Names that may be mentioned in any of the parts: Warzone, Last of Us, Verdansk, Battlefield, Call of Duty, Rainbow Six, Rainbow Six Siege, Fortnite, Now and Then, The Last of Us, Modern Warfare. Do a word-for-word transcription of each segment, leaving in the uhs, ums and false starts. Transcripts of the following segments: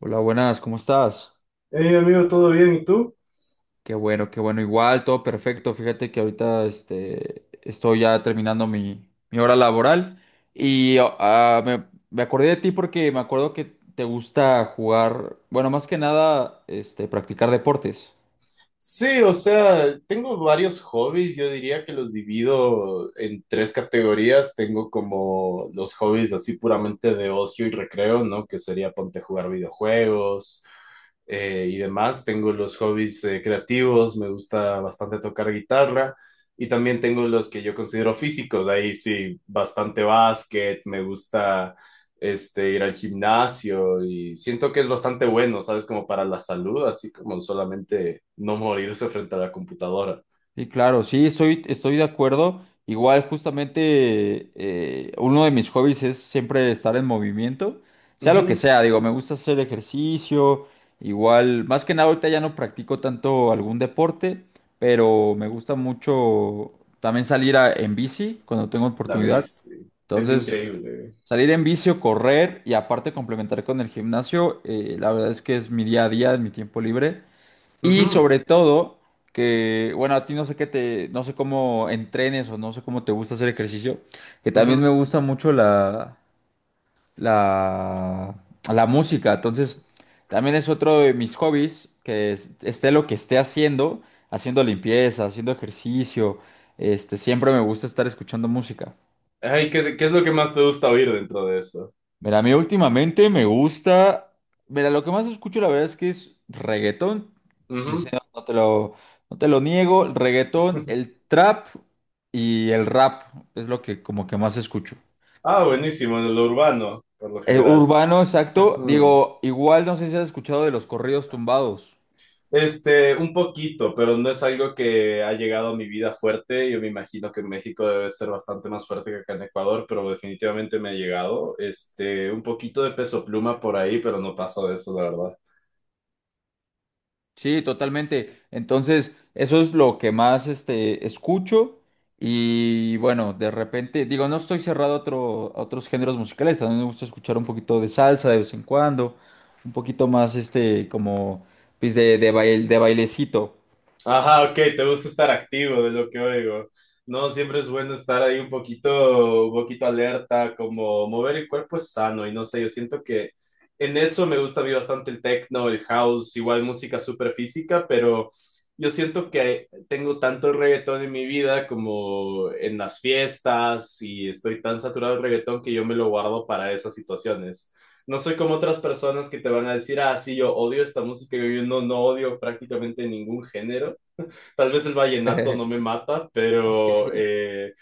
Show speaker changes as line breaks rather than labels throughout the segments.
Hola, buenas, ¿cómo estás?
Hey amigo, ¿todo bien? ¿Y tú?
Qué bueno, qué bueno. Igual, todo perfecto. Fíjate que ahorita este, estoy ya terminando mi, mi hora laboral y oh, ah, me, me acordé de ti porque me acuerdo que te gusta jugar, bueno, más que nada, este, practicar deportes.
Sí, o sea, tengo varios hobbies, yo diría que los divido en tres categorías. Tengo como los hobbies así puramente de ocio y recreo, ¿no? Que sería ponte a jugar videojuegos eh, y demás. Tengo los hobbies eh, creativos, me gusta bastante tocar guitarra y también tengo los que yo considero físicos, ahí sí, bastante básquet, me gusta este, ir al gimnasio y siento que es bastante bueno, ¿sabes? Como para la salud, así como solamente no morirse frente a la computadora.
Sí, claro, sí, estoy, estoy de acuerdo. Igual, justamente, eh, uno de mis hobbies es siempre estar en movimiento, sea lo que
Ujú.
sea, digo, me gusta hacer ejercicio, igual, más que nada ahorita ya no practico tanto algún deporte, pero me gusta mucho también salir a- en bici cuando tengo
La
oportunidad.
bici, es
Entonces,
increíble.
salir en bici o correr y aparte complementar con el gimnasio, eh, la verdad es que es mi día a día, es mi tiempo libre. Y
Ujú,
sobre todo, que, bueno, a ti no sé qué te, no sé cómo entrenes o no sé cómo te gusta hacer ejercicio, que también me
ujú.
gusta mucho la, la, la música. Entonces, también es otro de mis hobbies, que es- esté lo que esté haciendo, haciendo limpieza, haciendo ejercicio, este, siempre me gusta estar escuchando música.
Ay, ¿qué, qué es lo que más te gusta oír dentro de eso?
Mira, a mí últimamente me gusta. Mira, lo que más escucho, la verdad es que es reggaetón. Sí, sí,
Ujú.
no, no te lo, no te lo niego. El reggaetón, el trap y el rap es lo que como que más escucho.
Ah, buenísimo, en lo urbano, por lo
El
general.
urbano, exacto.
Ujú.
Digo, igual no sé si has escuchado de los corridos tumbados.
Este, un poquito, pero no es algo que ha llegado a mi vida fuerte. Yo me imagino que en México debe ser bastante más fuerte que acá en Ecuador, pero definitivamente me ha llegado. Este, un poquito de peso pluma por ahí, pero no paso de eso, la verdad.
Sí, totalmente. Entonces, eso es lo que más este, escucho. Y bueno, de repente, digo, no estoy cerrado a, otro, a otros géneros musicales. También me gusta escuchar un poquito de salsa de vez en cuando. Un poquito más, este, como, pues, de, de, bail- de bailecito.
Ajá, ok, te gusta estar activo de lo que oigo. No, siempre es bueno estar ahí un poquito, un poquito alerta, como mover el cuerpo es sano y no sé, yo siento que en eso me gusta a mí bastante el techno, el house, igual música súper física, pero yo siento que tengo tanto reggaetón en mi vida como en las fiestas y estoy tan saturado del reggaetón que yo me lo guardo para esas situaciones. No soy como otras personas que te van a decir, ah, sí, yo odio esta música, yo no, no odio prácticamente ningún género. Tal vez el vallenato no me mata, pero
Ok.
eh,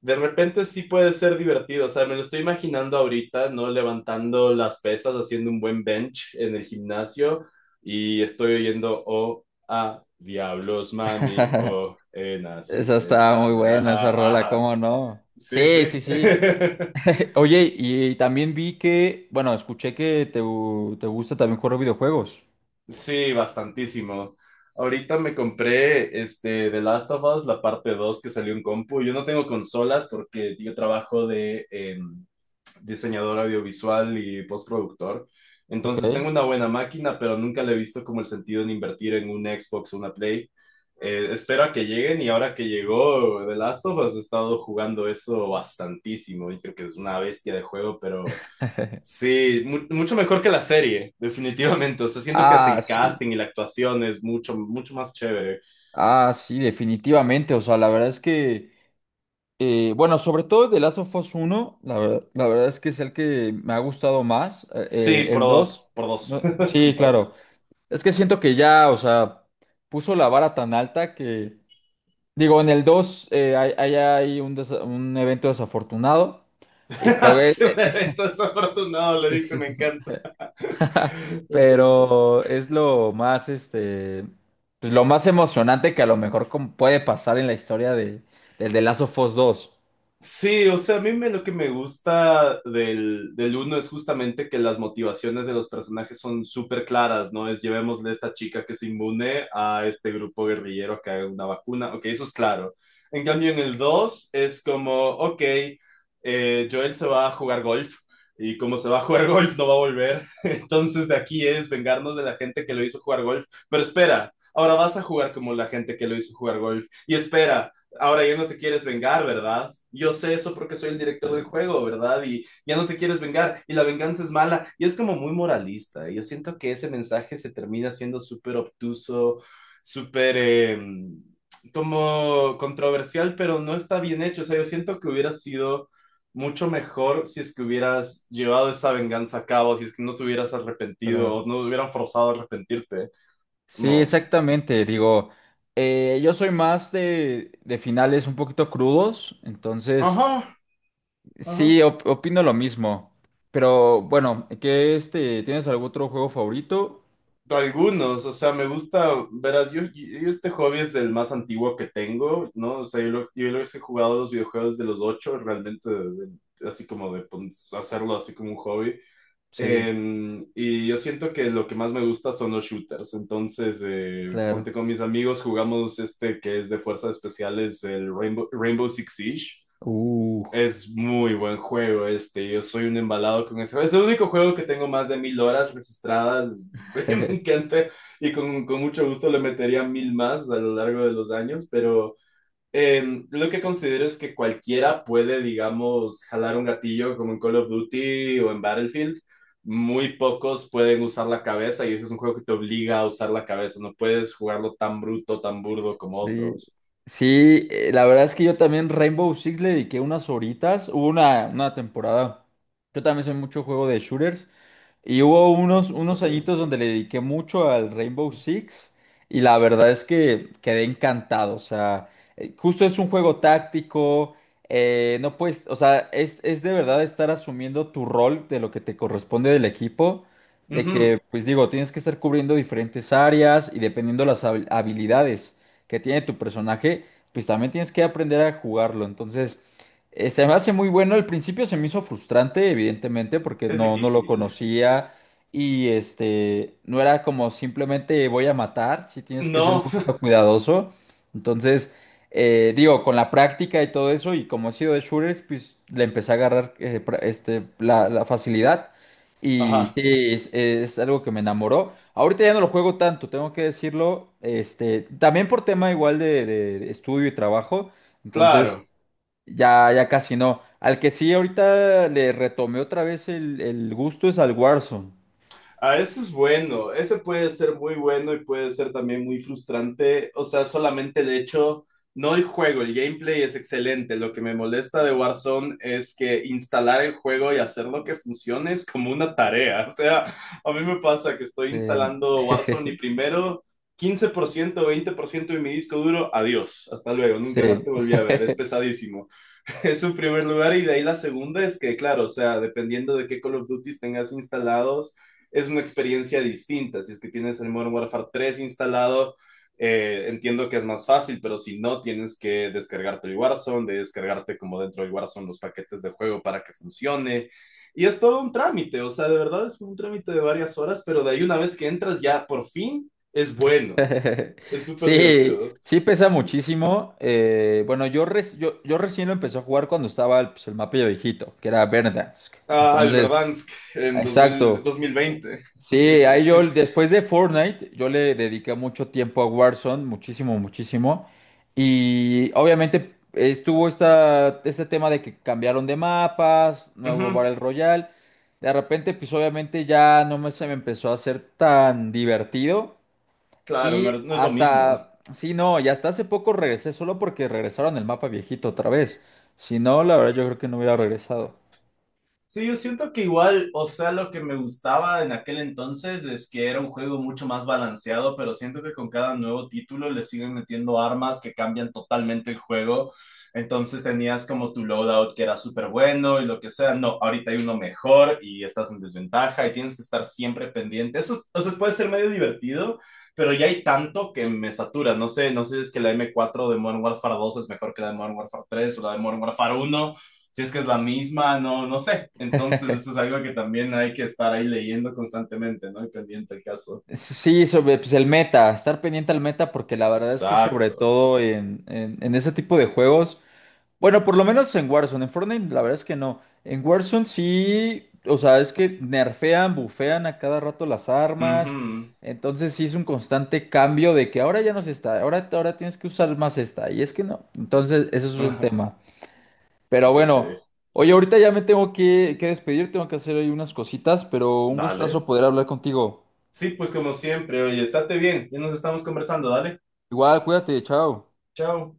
de repente sí puede ser divertido. O sea, me lo estoy imaginando ahorita, ¿no? Levantando las pesas, haciendo un buen bench en el gimnasio y estoy oyendo, oh, ah, diablos, mami, oh, eh,
Esa
naciste,
está muy
espame,
buena, esa
ajá,
rola,
ajá.
¿cómo no?
Sí, sí.
Sí, sí, sí. Oye, y también vi que, bueno, escuché que te, gu- te gusta también jugar videojuegos.
Sí, bastantísimo. Ahorita me compré este The Last of Us, la parte dos que salió en compu. Yo no tengo consolas porque yo trabajo de em, diseñador audiovisual y postproductor. Entonces
Ok.
tengo una buena máquina, pero nunca le he visto como el sentido en invertir en un Xbox o una Play. Eh, espero a que lleguen y ahora que llegó The Last of Us he estado jugando eso bastantísimo. Dije que es una bestia de juego, pero sí, mu- mucho mejor que la serie, definitivamente. O sea, siento que hasta
Ah,
el
sí,
casting y la actuación es mucho, mucho más chévere.
ah, sí, definitivamente. O sea, la verdad es que, eh, bueno, sobre todo de Last of Us uno, la verdad, la verdad es que es el que me ha gustado más. Eh,
Sí,
eh,
por
el dos,
dos, por dos,
no- sí,
comparto.
claro. Es que siento que ya, o sea, puso la vara tan alta que, digo, en el dos eh, hay, hay, hay un, desa- un evento desafortunado. Y pero, eh,
Hace un
eh,
evento desafortunado, le
sí,
dice,
sí,
me
sí, sí.
encanta. Me encanta.
Pero es lo más, este, pues lo más emocionante que a lo mejor como puede pasar en la historia de, del de Last of Us dos.
Sí, o sea, a mí me- lo que me gusta del, del uno es justamente que las motivaciones de los personajes son súper claras, ¿no? Es llevémosle a esta chica que es inmune a este grupo guerrillero que haga una vacuna, ok, eso es claro. En cambio, en el dos es como, ok, eh, Joel se va a jugar golf y como se va a jugar golf no va a volver, entonces de aquí es vengarnos de la gente que lo hizo jugar golf, pero espera. Ahora vas a jugar como la gente que lo hizo jugar golf. Y espera, ahora ya no te quieres vengar, ¿verdad? Yo sé eso porque soy el director del
Eh,
juego, ¿verdad? Y ya no te quieres vengar y la venganza es mala. Y es como muy moralista. Yo siento que ese mensaje se termina siendo súper obtuso, súper eh, como controversial, pero no está bien hecho. O sea, yo siento que hubiera sido mucho mejor si es que hubieras llevado esa venganza a cabo, si es que no te hubieras arrepentido
Claro.
o no te hubieran forzado a arrepentirte.
Sí,
Como,
exactamente. Digo, eh, yo soy más de, de finales un poquito crudos, entonces
ajá, ajá.
sí, op- opino lo mismo. Pero bueno, ¿qué este, tienes algún otro juego favorito?
Algunos, o sea, me gusta, verás, yo, yo este hobby es el más antiguo que tengo, ¿no? O sea, yo, lo- yo los he jugado los videojuegos de los ocho, realmente, de- de- así como de pon- hacerlo así como un hobby.
Sí,
Eh, y yo siento que lo que más me gusta son los shooters, entonces, eh, ponte
claro.
con mis amigos, jugamos este que es de fuerzas especiales, el Rainbow, Rainbow Six Siege.
Uh.
Es muy buen juego este, yo soy un embalado con ese juego. Es el único juego que tengo más de mil horas registradas, me encanta y con, con mucho gusto le metería mil más a lo largo de los años, pero eh, lo que considero es que cualquiera puede, digamos, jalar un gatillo como en Call of Duty o en Battlefield. Muy pocos pueden usar la cabeza y ese es un juego que te obliga a usar la cabeza, no puedes jugarlo tan bruto, tan burdo como
Sí,
otros.
sí, eh, la verdad es que yo también Rainbow Six le dediqué unas horitas. Hubo una, una temporada. Yo también soy mucho juego de shooters. Y hubo unos, unos
Ok.
añitos donde le dediqué mucho al Rainbow Six. Y la verdad es que quedé encantado. O sea, eh, justo es un juego táctico. Eh, no puedes, o sea, es, es de verdad estar asumiendo tu rol de lo que te corresponde del equipo. De que,
Ujú.
pues digo, tienes que estar cubriendo diferentes áreas y dependiendo las habil- habilidades que tiene tu personaje, pues también tienes que aprender a jugarlo. Entonces, eh, se me hace muy bueno. Al principio se me hizo frustrante, evidentemente, porque
Es
no, no lo
difícil.
conocía y este, no era como simplemente voy a matar, sí tienes que ser un
No.
poquito cuidadoso. Entonces, eh, digo, con la práctica y todo eso, y como he sido de shooters, pues le empecé a agarrar eh, pra- este, la, la facilidad. Y
Ajá.
sí, es, es algo que me enamoró. Ahorita ya no lo juego tanto, tengo que decirlo. Este, también por tema igual de, de- estudio y trabajo. Entonces,
Claro,
ya, ya casi no. Al que sí ahorita le retomé otra vez el, el gusto es al Warzone.
a eso es bueno, ese puede ser muy bueno y puede ser también muy frustrante, o sea, solamente el hecho, no el juego, el gameplay es excelente, lo que me molesta de Warzone es que instalar el juego y hacerlo que funcione es como una tarea, o sea, a mí me pasa que estoy
Eh,
instalando Warzone y primero quince por ciento, veinte por ciento de mi disco duro, adiós, hasta luego, nunca más
sí.
te volví a ver, es pesadísimo. Es su primer lugar y de ahí la segunda es que, claro, o sea, dependiendo de qué Call of Duty tengas instalados, es una experiencia distinta. Si es que tienes el Modern Warfare tres instalado, eh, entiendo que es más fácil, pero si no, tienes que descargarte el Warzone, de descargarte como dentro del Warzone los paquetes de juego para que funcione. Y es todo un trámite, o sea, de verdad es un trámite de varias horas, pero de ahí una vez que entras ya por fin es bueno, es súper
Sí,
divertido, ¿no?
sí pesa muchísimo. Eh, bueno, yo, reci- yo, yo recién lo empecé a jugar cuando estaba pues, el mapa viejito, que era Verdansk.
Ah, el
Entonces,
Verdansk en dos mil
exacto.
dos mil veinte. Sí,
Sí,
sí.
ahí yo
Sí.
después de Fortnite, yo le dediqué mucho tiempo a Warzone, muchísimo, muchísimo. Y obviamente estuvo esta, este tema de que cambiaron de mapas,
Ujú.
nuevo Battle Royale. De repente, pues obviamente ya no me, se me empezó a hacer tan divertido.
Claro, no
Y
es, no es lo mismo.
hasta, sí, no, y hasta hace poco regresé solo porque regresaron el mapa viejito otra vez. Si no, la verdad yo creo que no hubiera regresado.
Sí, yo siento que igual, o sea, lo que me gustaba en aquel entonces es que era un juego mucho más balanceado, pero siento que con cada nuevo título le siguen metiendo armas que cambian totalmente el juego. Entonces tenías como tu loadout que era súper bueno y lo que sea. No, ahorita hay uno mejor y estás en desventaja y tienes que estar siempre pendiente. Eso, es- o sea, puede ser medio divertido, pero ya hay tanto que me satura. No sé, no sé si es que la m cuatro de Modern Warfare dos es mejor que la de Modern Warfare tres o la de Modern Warfare uno si es que es la misma, no, no sé. Entonces, eso es algo que también hay que estar ahí leyendo constantemente, ¿no? Y pendiente el caso.
Sí, sobre pues, el meta, estar pendiente al meta, porque la verdad es que sobre
Exacto.
todo en, en, en ese tipo de juegos, bueno, por lo menos en Warzone, en Fortnite la verdad es que no. En Warzone sí, o sea, es que nerfean, bufean a cada rato las armas,
Ujú.
entonces sí es un constante cambio de que ahora ya no se está, ahora, ahora tienes que usar más esta, y es que no, entonces eso es un tema.
Así
Pero
que sí.
bueno, oye, ahorita ya me tengo que, que despedir, tengo que hacer ahí unas cositas, pero un gustazo
Dale.
poder hablar contigo.
Sí, pues como siempre, oye, estate bien. Ya nos estamos conversando, dale.
Igual, cuídate, chao.
Chao.